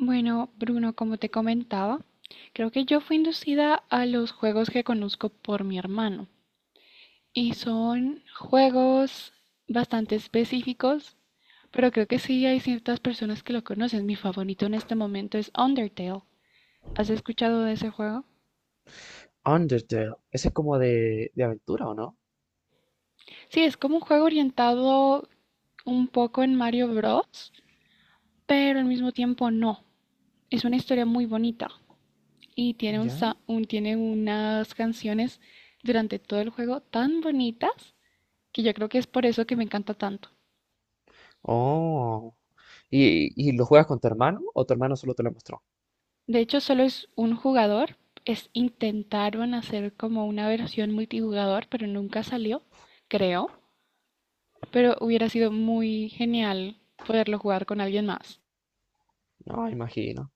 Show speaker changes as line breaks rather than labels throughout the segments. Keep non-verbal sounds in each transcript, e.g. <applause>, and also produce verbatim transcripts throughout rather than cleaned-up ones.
Bueno, Bruno, como te comentaba, creo que yo fui inducida a los juegos que conozco por mi hermano. Y son juegos bastante específicos, pero creo que sí hay ciertas personas que lo conocen. Mi favorito en este momento es Undertale. ¿Has escuchado de ese juego?
Undertale. Ese es como de, de aventura, ¿o no?
Sí, es como un juego orientado un poco en Mario Bros, pero al mismo tiempo no. Es una historia muy bonita. Y tiene, un,
¿Ya?
sa- un- tiene unas canciones durante todo el juego tan bonitas que yo creo que es por eso que me encanta tanto.
Oh. ¿Y, y lo juegas con tu hermano o tu hermano solo te lo mostró?
De hecho, solo es un jugador, es intentaron hacer como una versión multijugador, pero nunca salió, creo, pero hubiera sido muy genial poderlo jugar con alguien más.
No, imagino.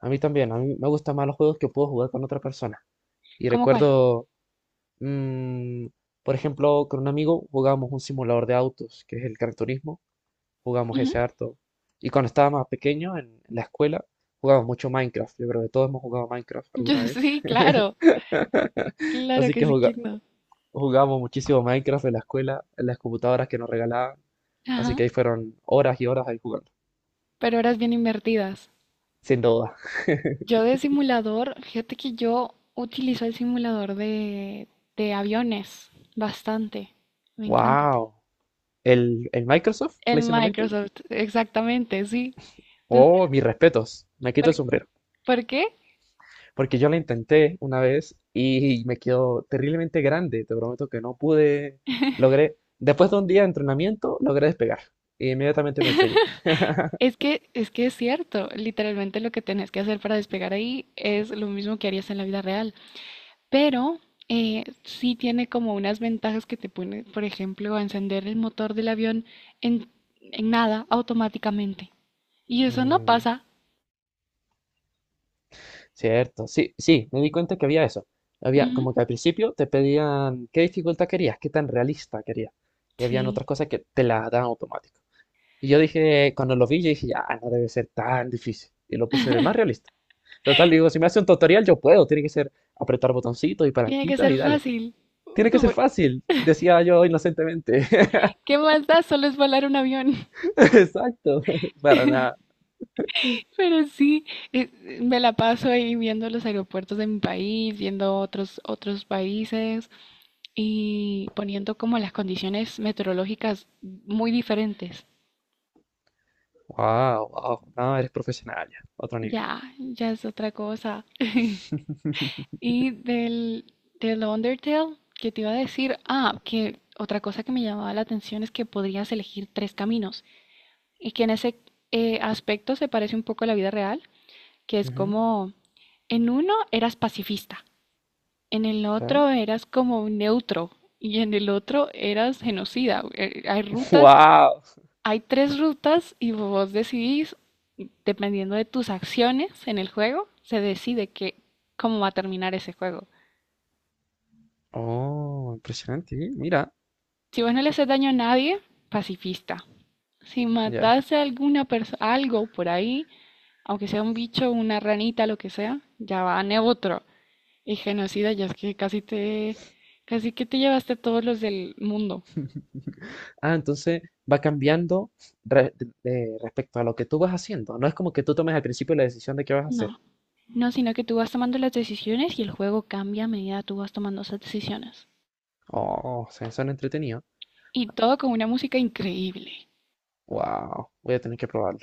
A mí también. A mí me gustan más los juegos que puedo jugar con otra persona. Y
¿Cómo cuál?
recuerdo, mm, por ejemplo, con un amigo jugábamos un simulador de autos, que es el Gran Turismo. Jugamos
Ujú.
ese harto. Y cuando estaba más pequeño en, en la escuela, jugábamos mucho Minecraft. Yo creo que todos hemos jugado Minecraft
<laughs> Yo
alguna vez.
sí, claro,
<laughs>
claro
Así
que
que
sí, quién no.
jugábamos muchísimo Minecraft en la escuela, en las computadoras que nos regalaban, así
Ajá,
que ahí fueron horas y horas ahí jugando,
pero horas bien invertidas.
sin duda.
Yo de simulador, fíjate que yo utilizo el simulador de, de aviones bastante. Me encanta.
¡Wow! ¿El, el Microsoft
El
Flight Simulator?
Microsoft, exactamente, sí. Entonces,
Oh, mis respetos, me
¿por,
quito el sombrero,
¿por qué?
porque yo lo intenté una vez y me quedó terriblemente grande, te prometo que no pude, logré, después de un día de entrenamiento, logré despegar, e inmediatamente me estrellé.
Es que, es que es cierto, literalmente lo que tenés que hacer para despegar ahí es lo mismo que harías en la vida real, pero eh, sí tiene como unas ventajas que te pone, por ejemplo, a encender el motor del avión en, en nada automáticamente. Y eso no
Mm.
pasa.
Cierto, sí, sí, me di cuenta que había eso. Había
Ujú.
como que al principio te pedían qué dificultad querías, qué tan realista querías. Y habían otras
Sí,
cosas que te las dan automático. Y yo dije, cuando lo vi, yo dije, ya, no debe ser tan difícil. Y lo puse en el más realista. Total, digo, si me hace un tutorial, yo puedo. Tiene que ser apretar botoncitos y
tiene que
palanquitas y
ser
dale.
fácil.
Tiene que ser fácil, decía yo inocentemente.
¿Qué
<laughs>
más da? Solo es volar un avión. <laughs>
Exacto, <laughs> para nada.
Pero sí, eh, me la paso ahí viendo los aeropuertos de mi país, viendo otros, otros países y poniendo como las condiciones meteorológicas muy diferentes.
Wow, wow, no, eres profesional ya, otro nivel.
Ya, ya es otra cosa. <laughs> Y del, del Undertale, que te iba a decir, ah, que otra cosa que me llamaba la atención es que podrías elegir tres caminos y que en ese eh, aspecto se parece un poco a la vida real que es
Ujú,
como, en uno eras pacifista, en el
¿Ya?
otro eras como un neutro y en el otro eras genocida. Eh, Hay
<laughs>
rutas,
Wow.
hay tres rutas y vos decidís, dependiendo de tus acciones en el juego, se decide que, cómo va a terminar ese juego.
Oh, impresionante. ¿Eh? Mira,
Si vos no le haces daño a nadie, pacifista. Si
ya.
mataste a alguna persona, algo por ahí, aunque sea un bicho, una ranita, lo que sea, ya va a neutro. Y genocida, ya es que casi te, casi que te llevaste a todos los del mundo.
Ah, entonces va cambiando re- de- de- respecto a lo que tú vas haciendo. No es como que tú tomes al principio la decisión de qué vas a hacer.
No, no, sino que tú vas tomando las decisiones y el juego cambia a medida que tú vas tomando esas decisiones.
Oh, se suena entretenido.
Y todo con una música increíble.
Wow, voy a tener que probarlo.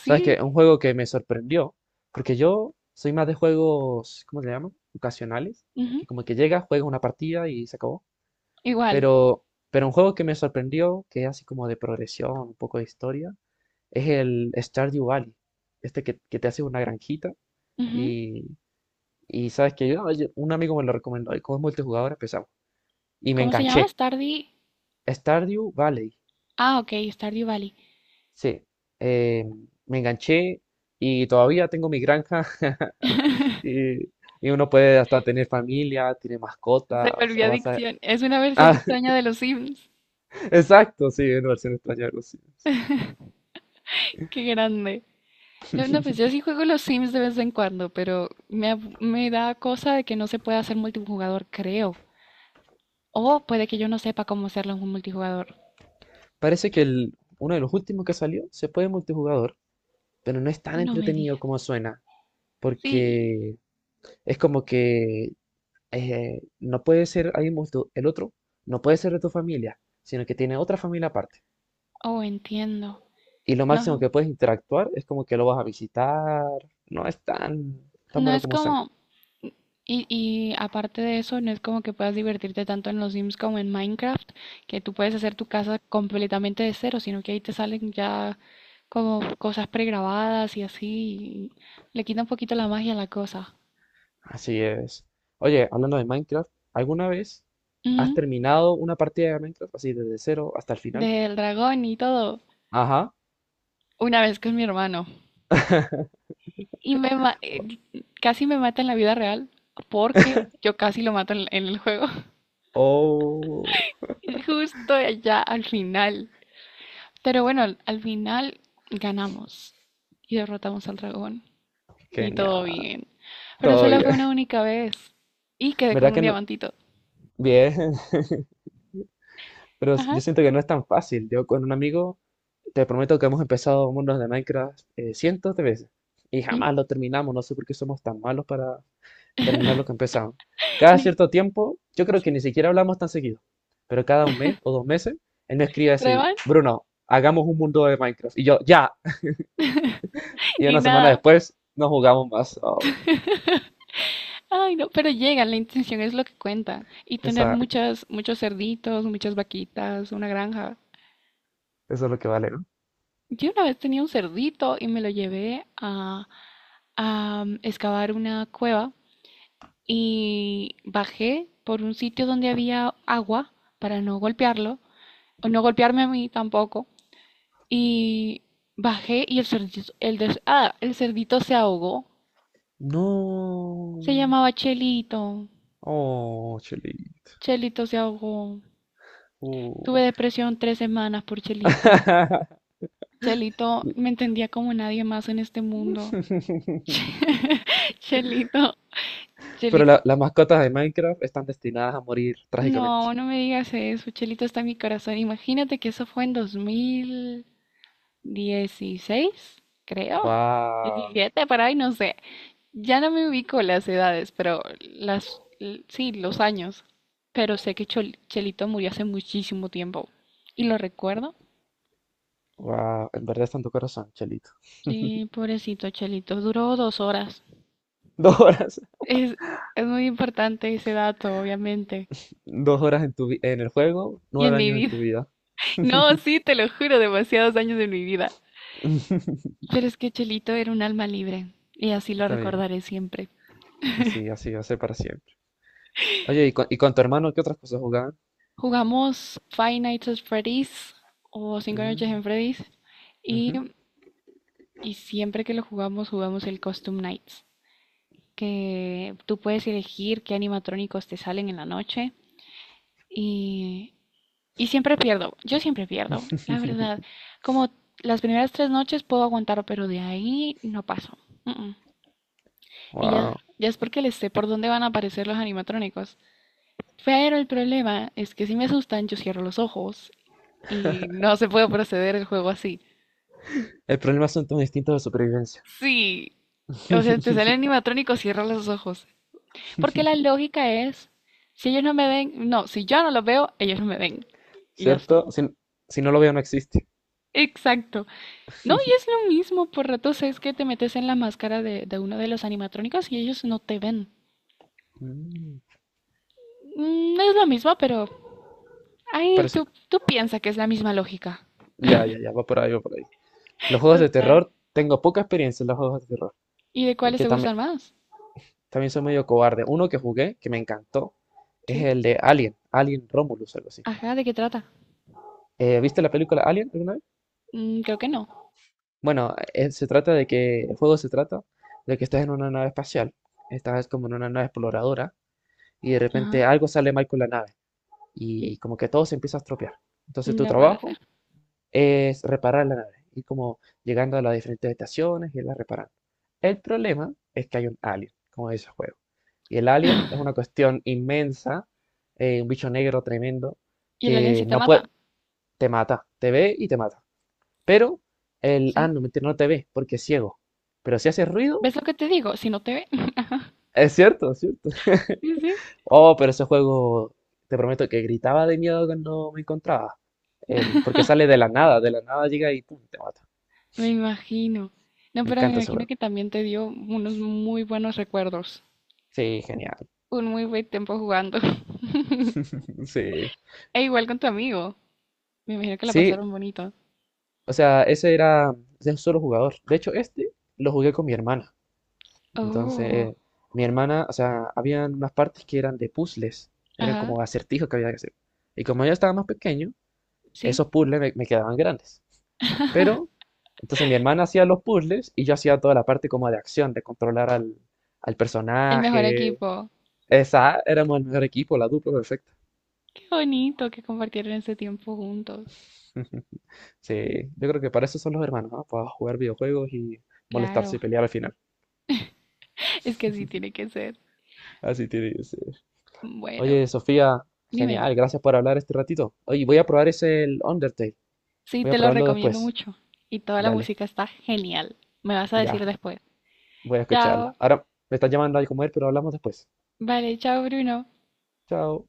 ¿Sabes
Sí,
qué? Un juego que me sorprendió, porque yo soy más de juegos, ¿cómo se llaman? Ocasionales,
ujú,
que como que llega, juega una partida y se acabó.
igual.
Pero, pero un juego que me sorprendió, que es así como de progresión, un poco de historia, es el Stardew Valley. Este que, que te hace una granjita.
Ujú.
Y, y sabes que yo, yo- un amigo me lo recomendó y como es multijugador empezamos. Y me
¿Cómo se llama?
enganché.
Stardew.
Stardew Valley.
Ah, ok, Stardew Valley.
Sí. eh, me enganché y todavía tengo mi granja. <laughs>
<laughs>
Y, y uno puede hasta tener familia, tiene mascotas,
Se volvió
avanza. <laughs>
adicción. Es una versión
Ah,
extraña de los Sims.
<laughs> exacto, sí, en versión extraña, algo.
Qué grande. Yo, no, pues yo sí juego los Sims de vez en cuando, pero me, ab- me da cosa de que no se pueda hacer multijugador, creo. O puede que yo no sepa cómo hacerlo en un multijugador.
Parece que el, uno de los últimos que salió se puede multijugador, pero no es tan
No me
entretenido
digas.
como suena,
Sí.
porque es como que eh, no puede ser ahí mismo el otro, no puede ser de tu familia, sino que tiene otra familia aparte.
Oh, entiendo.
Y lo máximo
No,
que puedes interactuar es como que lo vas a visitar. No es tan, tan
no
bueno
es
como suena.
como... Y, y aparte de eso, no es como que puedas divertirte tanto en los Sims como en Minecraft, que tú puedes hacer tu casa completamente de cero, sino que ahí te salen ya como cosas pregrabadas y así, y le quita un poquito la magia a la cosa.
Así es. Oye, hablando de Minecraft, ¿alguna vez has
Ujú.
terminado una partida de Minecraft así desde cero hasta el final?
Del dragón y todo.
Ajá.
Una vez con mi hermano.
<laughs>
Y me ma- eh, casi me mata en la vida real porque yo casi lo mato en, en el juego. <laughs>
Oh,
Y justo allá al final. Pero bueno, al al final ganamos y derrotamos al dragón. Y todo
genial.
bien. Pero
Todo
solo
bien.
fue una única vez. Y
<laughs>
quedé con
¿Verdad
un
que no?
diamantito.
Bien. <laughs> Pero
Ajá.
yo siento que no es tan fácil. Yo con un amigo te prometo que hemos empezado mundos de Minecraft eh, cientos de veces y
Mm.
jamás lo terminamos. No sé por qué somos tan malos para terminar lo que empezamos. Cada
Ni-
cierto tiempo, yo creo que
¿Sí?
ni siquiera hablamos tan seguido, pero cada un mes o dos meses, él me escribe así,
Prueban
Bruno, hagamos un mundo de Minecraft. Y yo, ya. Y
y
una semana
nada.
después, no jugamos más. Oh,
Ay, no, pero llegan, la intención es lo que cuenta. Y tener
esa,
muchas, muchos cerditos, muchas vaquitas, una granja.
eso es lo que vale, ¿no?
Yo una vez tenía un cerdito y me lo llevé a, a um, excavar una cueva y bajé por un sitio donde había agua para no golpearlo, o no golpearme a mí tampoco, y bajé y el cerdito, el, des- ah, el cerdito se ahogó. Se
No.
llamaba Chelito.
Oh, chulito.
Chelito se ahogó. Tuve
Oh.
depresión tres semanas por Chelito. Chelito me
<laughs>
entendía como nadie más en este mundo. <laughs> Chelito,
Pero la-
Chelito
las mascotas de Minecraft están destinadas a morir trágicamente.
no, no me digas eso, Chelito está en mi corazón. Imagínate que eso fue en dos mil dieciséis, creo.
Wow,
diecisiete, por ahí, no sé. Ya no me ubico las edades, pero las, l- sí, los años. Pero sé que Chol- Chelito murió hace muchísimo tiempo. ¿Y lo recuerdo?
wow, en verdad está en tu corazón, Chelito. <laughs>
Sí, pobrecito Chelito, duró dos horas.
Dos horas,
Es, es muy importante ese dato, obviamente.
dos horas en tu vi- en el juego,
Y en
nueve
mi
años en
vida.
tu
<laughs>
vida.
No, sí, te lo juro, demasiados años de mi vida.
<laughs>
Pero es que Chelito era un alma libre y así lo
Está bien,
recordaré siempre.
así, así va a ser para siempre. Oye, ¿y con, y con tu hermano qué otras cosas jugaban?
Jugamos Five Nights at Freddy's o Cinco
Wow,
Noches en Freddy's y, y siempre que lo jugamos jugamos el Costume Nights, que tú puedes elegir qué animatrónicos te salen en la noche y, y siempre pierdo, yo siempre pierdo, la verdad. Como las primeras tres noches puedo aguantar, pero de ahí no paso. Mm, mm. Y ya,
<laughs>
ya es porque les sé por dónde van a aparecer los animatrónicos. Pero el problema es que si me asustan, yo cierro los ojos y no se puede proceder el juego así.
el problema son tus instintos de supervivencia,
Sí. O sea, te sale animatrónico, cierra los ojos. Porque la lógica es, si ellos no me ven, no, si yo no los veo, ellos no me ven. Y ya
¿cierto?
estuvo.
Si, si no lo veo, no existe.
Exacto. No, y es lo mismo, por ratos es que te metes en la máscara de, de uno de los animatrónicos y ellos no te ven.
Mm,
Mm, es lo mismo, pero ahí tú,
parecido.
tú piensas que es la misma lógica.
Ya, ya, ya, va por ahí, va por ahí. Los juegos de
Total.
terror, tengo poca experiencia en los juegos de terror,
¿Y de cuáles
que
te
tam-
gustan más?
también soy medio cobarde. Uno que jugué, que me encantó, es
¿Sí?
el de Alien, Alien Romulus, algo así.
Ajá, ¿de qué trata?
Eh, ¿viste la película Alien alguna vez?
Mm, creo que no.
Bueno, eh, se trata de que, el juego se trata de que estás en una nave espacial, estás como en una nave exploradora, y de
Ajá.
repente algo sale mal con la nave, y como que todo se empieza a estropear. Entonces tu
No puede
trabajo
ser.
es reparar la nave, y como llegando a las diferentes estaciones y la reparando. El problema es que hay un alien, como dice el juego. Y el alien es
<laughs>
una cuestión inmensa, eh, un bicho negro tremendo,
Y el alien
que
sí te
no puede,
mata,
te mata, te ve y te mata. Pero el, ah,
¿sí?
no, mentira, no te ve porque es ciego. Pero si hace ruido,
¿Ves lo que te digo? Si no te ve. <laughs> Ajá.
es cierto, es cierto. <laughs>
Sí, sí.
Oh, pero ese juego, te prometo que gritaba de miedo cuando me encontraba. El, porque sale de la nada, de la nada llega y pum, te mata.
Me imagino. No,
Me
pero me
encanta ese
imagino
juego.
que también te dio unos muy buenos recuerdos.
Sí, genial.
Un muy buen tiempo jugando. <laughs>
<laughs> Sí.
E igual con tu amigo. Me imagino que la
Sí,
pasaron bonito.
o sea, ese era de un solo jugador. De hecho, este lo jugué con mi hermana.
Oh,
Entonces, mi hermana, o sea, habían unas partes que eran de puzzles, eran
ajá,
como acertijos que había que hacer. Y como yo estaba más pequeño,
sí.
esos puzzles me, me quedaban grandes. Pero, entonces mi hermana hacía los puzzles y yo hacía toda la parte como de acción, de controlar al, al
El mejor
personaje.
equipo.
Esa, éramos el mejor equipo, la dupla perfecta.
Qué bonito que compartieron ese tiempo juntos.
<laughs> Sí, yo creo que para eso son los hermanos, ¿no? Para jugar videojuegos y molestarse y
Claro.
pelear al final.
Es que así tiene que ser.
Así tiene que ser.
Bueno,
Oye, Sofía,
dime.
genial, gracias por hablar este ratito. Oye, voy a probar ese el Undertale.
Sí,
Voy a
te lo
probarlo
recomiendo
después.
mucho. Y toda la
Dale,
música está genial. Me vas a
ya,
decir después.
voy a
Chao.
escucharla. Ahora me están llamando a comer, pero hablamos después.
Vale, chao, Bruno.
Chao.